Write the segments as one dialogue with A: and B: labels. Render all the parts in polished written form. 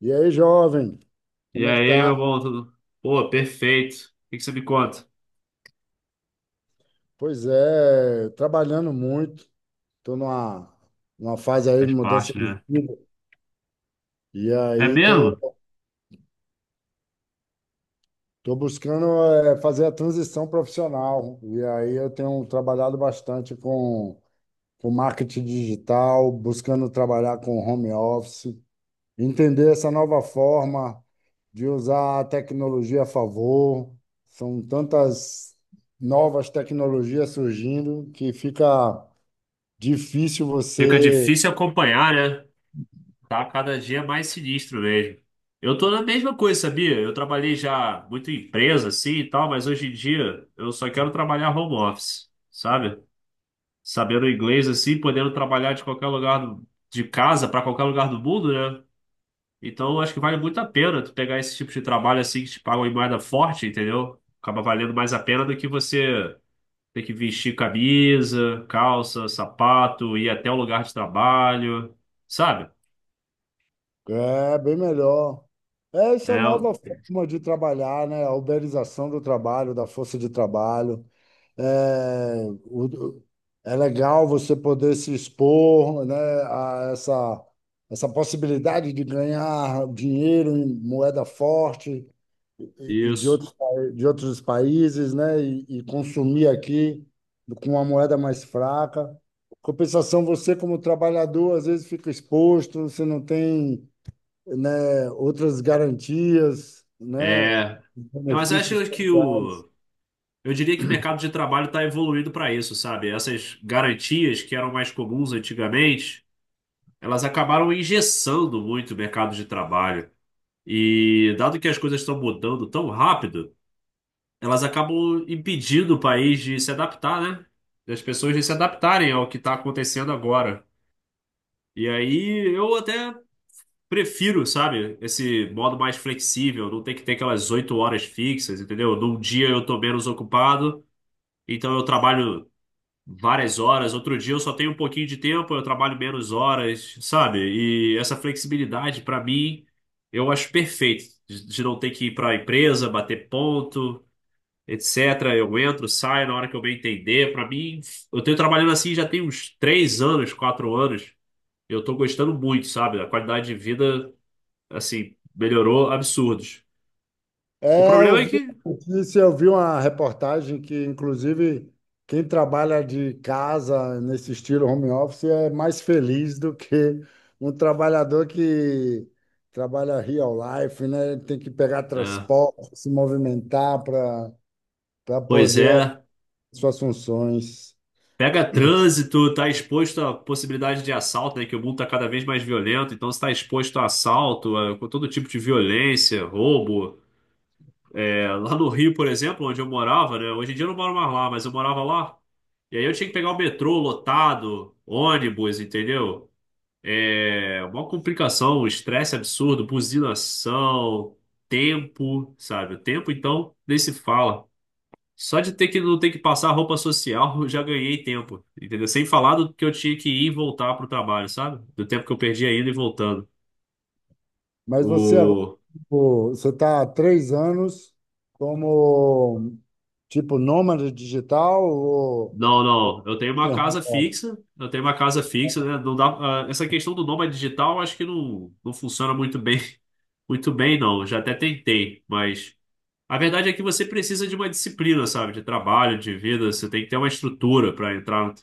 A: E aí, jovem,
B: E
A: como é que
B: aí, meu
A: tá?
B: bom, tudo? Pô, perfeito. O que você me conta?
A: Pois é, trabalhando muito, tô numa fase aí de
B: Faz
A: mudança
B: parte,
A: de
B: né?
A: vida, e
B: É
A: aí
B: mesmo?
A: tô buscando fazer a transição profissional, e aí eu tenho trabalhado bastante com marketing digital, buscando trabalhar com home office, entender essa nova forma de usar a tecnologia a favor, são tantas novas tecnologias surgindo que fica difícil
B: Fica
A: você.
B: difícil acompanhar, né? Tá cada dia mais sinistro mesmo. Eu tô na mesma coisa, sabia? Eu trabalhei já muito em empresa, assim e tal, mas hoje em dia eu só quero trabalhar home office, sabe? Sabendo inglês, assim, podendo trabalhar de qualquer lugar de casa pra qualquer lugar do mundo, né? Então eu acho que vale muito a pena tu pegar esse tipo de trabalho assim que te pagam em moeda forte, entendeu? Acaba valendo mais a pena do que você. Ter que vestir camisa, calça, sapato, ir até o lugar de trabalho, sabe?
A: É, bem melhor. É essa
B: É,
A: nova forma de trabalhar, né? A uberização do trabalho, da força de trabalho. É, o- É legal você poder se expor, né, a essa possibilidade de ganhar dinheiro em moeda forte, e de
B: isso.
A: de outros países, né? E consumir aqui com uma moeda mais fraca. Compensação, você como trabalhador, às vezes fica exposto, você não tem, né, outras garantias, né?
B: É. É, Mas eu
A: Benefícios.
B: acho que o. Eu diria que o mercado de trabalho está evoluindo para isso, sabe? Essas garantias que eram mais comuns antigamente, elas acabaram engessando muito o mercado de trabalho. E dado que as coisas estão mudando tão rápido, elas acabam impedindo o país de se adaptar, né? Das pessoas de se adaptarem ao que está acontecendo agora. E aí eu até prefiro, sabe, esse modo mais flexível, não ter que ter aquelas oito horas fixas, entendeu? Num dia eu tô menos ocupado, então eu trabalho várias horas, outro dia eu só tenho um pouquinho de tempo, eu trabalho menos horas, sabe? E essa flexibilidade, pra mim, eu acho perfeito, de não ter que ir pra empresa, bater ponto. Etc. Eu entro, saio na hora que eu bem entender. Pra mim, eu tenho trabalhando assim já tem uns três anos, quatro anos. Eu tô gostando muito, sabe? A qualidade de vida, assim, melhorou absurdos. O
A: É,
B: problema
A: eu
B: é
A: vi
B: que,
A: uma notícia, eu vi uma reportagem que, inclusive, quem trabalha de casa nesse estilo home office é mais feliz do que um trabalhador que trabalha real life, né? Tem que pegar
B: né,
A: transporte, se movimentar para
B: pois
A: poder
B: é,
A: as suas funções.
B: pega trânsito, tá exposto à possibilidade de assalto, né? Que o mundo tá cada vez mais violento, então você tá exposto a assalto, a com todo tipo de violência, roubo. É, lá no Rio, por exemplo, onde eu morava, né? Hoje em dia eu não moro mais lá, mas eu morava lá. E aí eu tinha que pegar o metrô lotado, ônibus, entendeu? É uma complicação, um estresse absurdo, buzinação, tempo, sabe? O tempo, então, nem se fala. Só de ter que não ter que passar roupa social, eu já ganhei tempo, entendeu? Sem falar do que eu tinha que ir e voltar pro trabalho, sabe? Do tempo que eu perdi indo e voltando.
A: Mas você agora,
B: O...
A: pô, você está há três anos como tipo nômade digital
B: Não,
A: ou
B: não, eu tenho uma
A: de home
B: casa
A: office?
B: fixa, eu tenho uma casa fixa, né? Não dá... Essa questão do nômade digital, eu acho que não funciona muito bem, muito bem, não. Eu já até tentei, mas... A verdade é que você precisa de uma disciplina, sabe? De trabalho, de vida. Você tem que ter uma estrutura para entrar,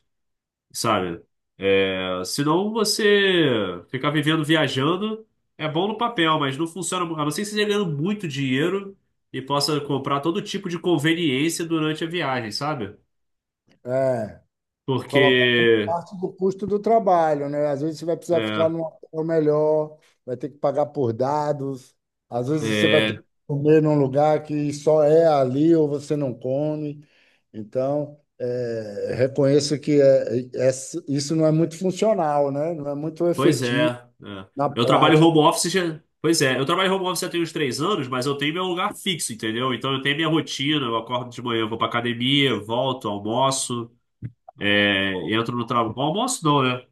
B: sabe? É, Senão você ficar vivendo viajando é bom no papel, mas não funciona. A não ser que você esteja ganhando muito dinheiro e possa comprar todo tipo de conveniência durante a viagem, sabe?
A: É. Colocar
B: Porque
A: como parte do custo do trabalho, né? Às vezes você vai precisar ficar
B: é,
A: num hotel melhor, vai ter que pagar por dados, às vezes você vai ter
B: é,
A: que comer num lugar que só é ali ou você não come. Então, é, reconheço que é, isso não é muito funcional, né? Não é muito
B: Pois é,
A: efetivo
B: é.
A: na
B: Eu trabalho
A: prática.
B: home office já. Pois é, eu trabalho home office já tem uns três anos, mas eu tenho meu lugar fixo, entendeu? Então eu tenho minha rotina, eu acordo de manhã, eu vou pra academia, volto, almoço, entro no trabalho. Almoço não, né?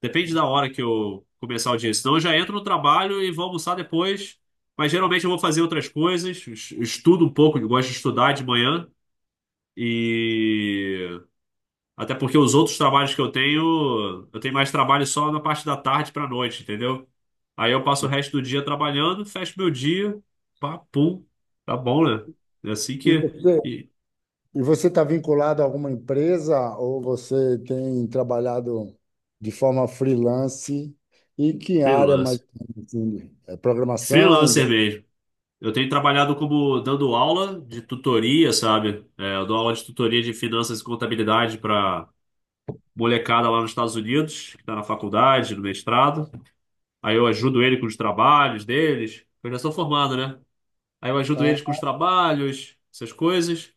B: Depende da hora que eu começar o dia. Senão eu já entro no trabalho e vou almoçar depois. Mas geralmente eu vou fazer outras coisas, estudo um pouco, eu gosto de estudar de manhã. E até porque os outros trabalhos que eu tenho mais trabalho só na parte da tarde pra noite, entendeu? Aí eu passo o resto do dia trabalhando, fecho meu dia, pá, pum, tá bom, né? É assim
A: E
B: que.
A: você
B: E
A: E você está vinculado a alguma empresa ou você tem trabalhado de forma freelance? E que área mais
B: freelancer.
A: ou menos, assim, é programação? Né?
B: Freelancer mesmo. Eu tenho trabalhado como dando aula de tutoria, sabe? É, eu dou aula de tutoria de finanças e contabilidade pra molecada lá nos Estados Unidos, que tá na faculdade, no mestrado. Aí eu ajudo ele com os trabalhos deles. Eu já sou formado, né? Aí eu ajudo eles com os trabalhos, essas coisas.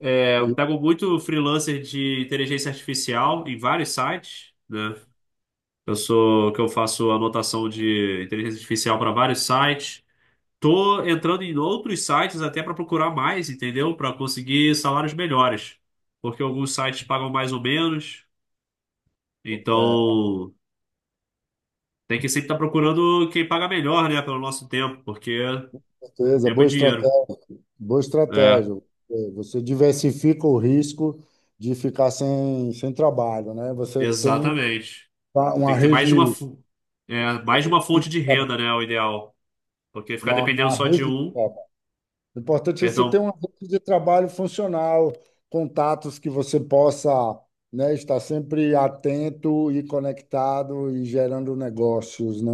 B: É, eu
A: E,
B: pego muito freelancer de inteligência artificial em vários sites, né? Eu sou que eu faço anotação de inteligência artificial para vários sites. Tô entrando em outros sites até para procurar mais, entendeu? Para conseguir salários melhores, porque alguns sites pagam mais ou menos.
A: é,
B: Então tem que sempre estar procurando quem paga melhor, né? Pelo nosso tempo, porque
A: beleza,
B: tempo é
A: boa
B: dinheiro.
A: estratégia, boa
B: É,
A: estratégia. É, você diversifica o risco de ficar sem trabalho, né? Você tem
B: exatamente. Tem
A: uma
B: que ter mais de uma, mais de uma fonte de renda, né? É o ideal. Porque ficar dependendo
A: uma
B: só de
A: rede.
B: um.
A: O importante é você ter
B: Perdão.
A: uma rede de trabalho funcional, contatos que você possa, né, estar sempre atento e conectado e gerando negócios, né?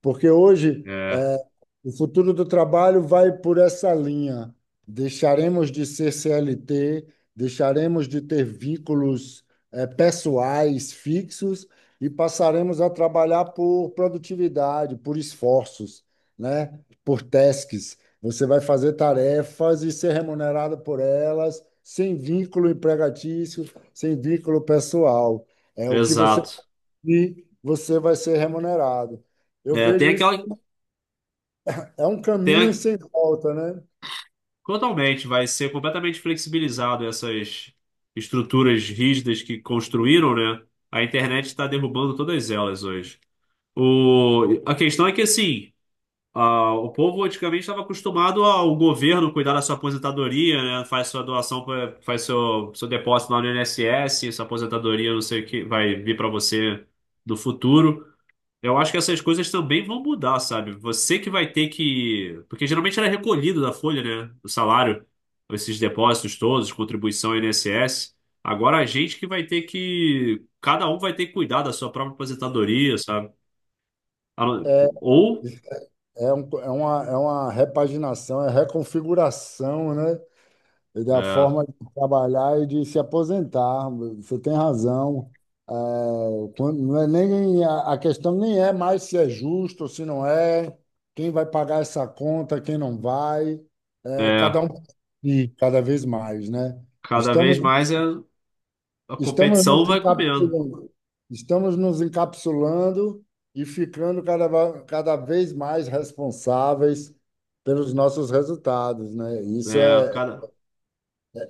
A: Porque hoje,
B: É,
A: eh, o futuro do trabalho vai por essa linha. Deixaremos de ser CLT, deixaremos de ter vínculos, pessoais fixos e passaremos a trabalhar por produtividade, por esforços, né? Por tasks. Você vai fazer tarefas e ser remunerado por elas, sem vínculo empregatício, sem vínculo pessoal. É o que você
B: exato.
A: cumprir, você vai ser remunerado. Eu
B: É, tem
A: vejo isso,
B: aquela.
A: é um
B: Tem,
A: caminho
B: a-
A: sem volta, né?
B: totalmente, vai ser completamente flexibilizado essas estruturas rígidas que construíram, né? A internet está derrubando todas elas hoje. A questão é que, assim. Ah, o povo antigamente estava acostumado ao governo cuidar da sua aposentadoria, né? Faz sua doação, faz seu depósito lá no INSS, sua aposentadoria, não sei o que, vai vir para você no futuro. Eu acho que essas coisas também vão mudar, sabe? Você que vai ter que. Porque geralmente era recolhido da folha, né? O salário, esses depósitos todos, contribuição ao INSS. Agora a gente que vai ter que. Cada um vai ter que cuidar da sua própria aposentadoria, sabe? A não-
A: É,
B: Ou.
A: é uma repaginação, é reconfiguração, né? E da
B: É.
A: forma de trabalhar e de se aposentar. Você tem razão. É, não é nem a questão nem é mais se é justo ou se não é, quem vai pagar essa conta, quem não vai, é, cada
B: É.
A: um e cada vez mais, né?
B: Cada
A: Estamos
B: vez mais é, a
A: Estamos
B: competição
A: nos
B: vai comendo.
A: encapsulando, estamos nos encapsulando e ficando cada vez mais responsáveis pelos nossos resultados, né? Isso
B: É,
A: é,
B: cada...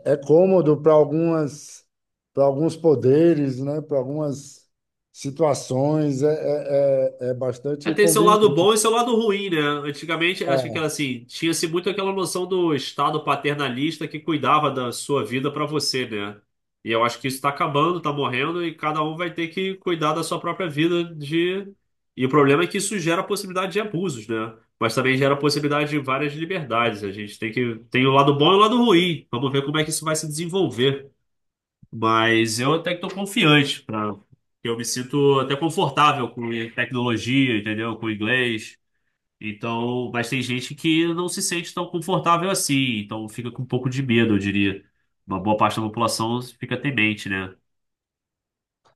A: é cômodo para para alguns poderes, né? Para algumas situações, é
B: é,
A: bastante
B: tem seu
A: conveniente.
B: lado bom e seu lado ruim, né? Antigamente, acho que era assim, tinha-se muito aquela noção do Estado paternalista que cuidava da sua vida para você, né? E eu acho que isso está acabando, está morrendo, e cada um vai ter que cuidar da sua própria vida de... E o problema é que isso gera possibilidade de abusos, né? Mas também gera possibilidade de várias liberdades. A gente tem que... Tem o lado bom e o lado ruim. Vamos ver como é que isso vai se desenvolver. Mas eu até que estou confiante, pra... eu me sinto até confortável com tecnologia, entendeu? Com inglês. Então, mas tem gente que não se sente tão confortável assim, então fica com um pouco de medo, eu diria. Uma boa parte da população fica temente, né?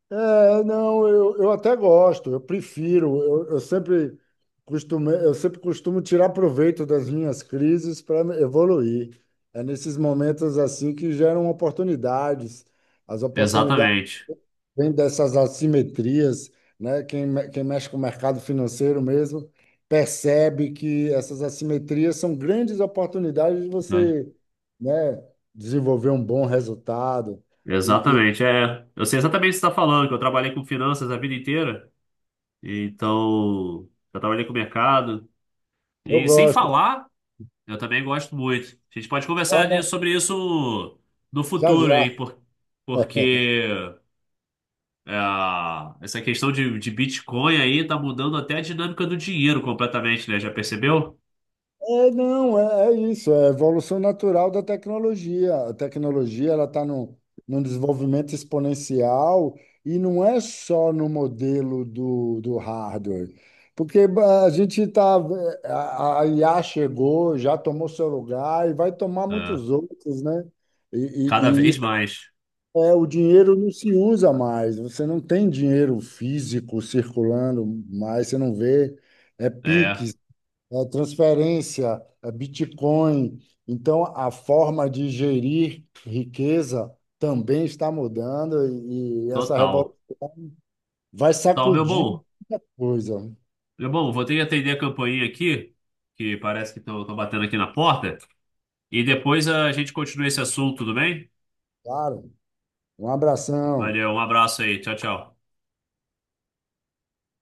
A: É, não, eu até gosto, eu prefiro, eu sempre eu sempre costumo tirar proveito das minhas crises para evoluir. É nesses momentos assim que geram oportunidades. As oportunidades.
B: Exatamente.
A: Vem dessas assimetrias, né? Quem mexe com o mercado financeiro mesmo percebe que essas assimetrias são grandes oportunidades de
B: Né?
A: você, né, desenvolver um bom resultado. E
B: Exatamente, é. Eu sei exatamente o que você está falando, que eu trabalhei com finanças a vida inteira, então já trabalhei com mercado.
A: eu
B: E sem
A: gosto.
B: falar Eu também gosto muito. A gente pode conversar
A: Vamos,
B: sobre isso no
A: já
B: futuro, hein?
A: já.
B: Porque é, essa questão de Bitcoin aí tá mudando até a dinâmica do dinheiro completamente, né? Já percebeu?
A: É, não, é, é isso, é a evolução natural da tecnologia. A tecnologia ela está num desenvolvimento exponencial e não é só no modelo do, do hardware, porque ba, a IA chegou, já tomou seu lugar e vai tomar
B: É.
A: muitos outros, né?
B: Cada vez
A: Isso
B: mais.
A: é, o dinheiro não se usa mais, você não tem dinheiro físico circulando mais, você não vê, é
B: É,
A: Pix, é, transferência, é, Bitcoin. Então, a forma de gerir riqueza também está mudando e essa revolução
B: total.
A: vai
B: Tá, meu
A: sacudir
B: bom.
A: coisa.
B: Meu bom, vou ter que atender a campainha aqui, que parece que estão batendo aqui na porta. E depois a gente continua esse assunto, tudo bem?
A: Claro, um abração.
B: Valeu, um abraço aí. Tchau, tchau.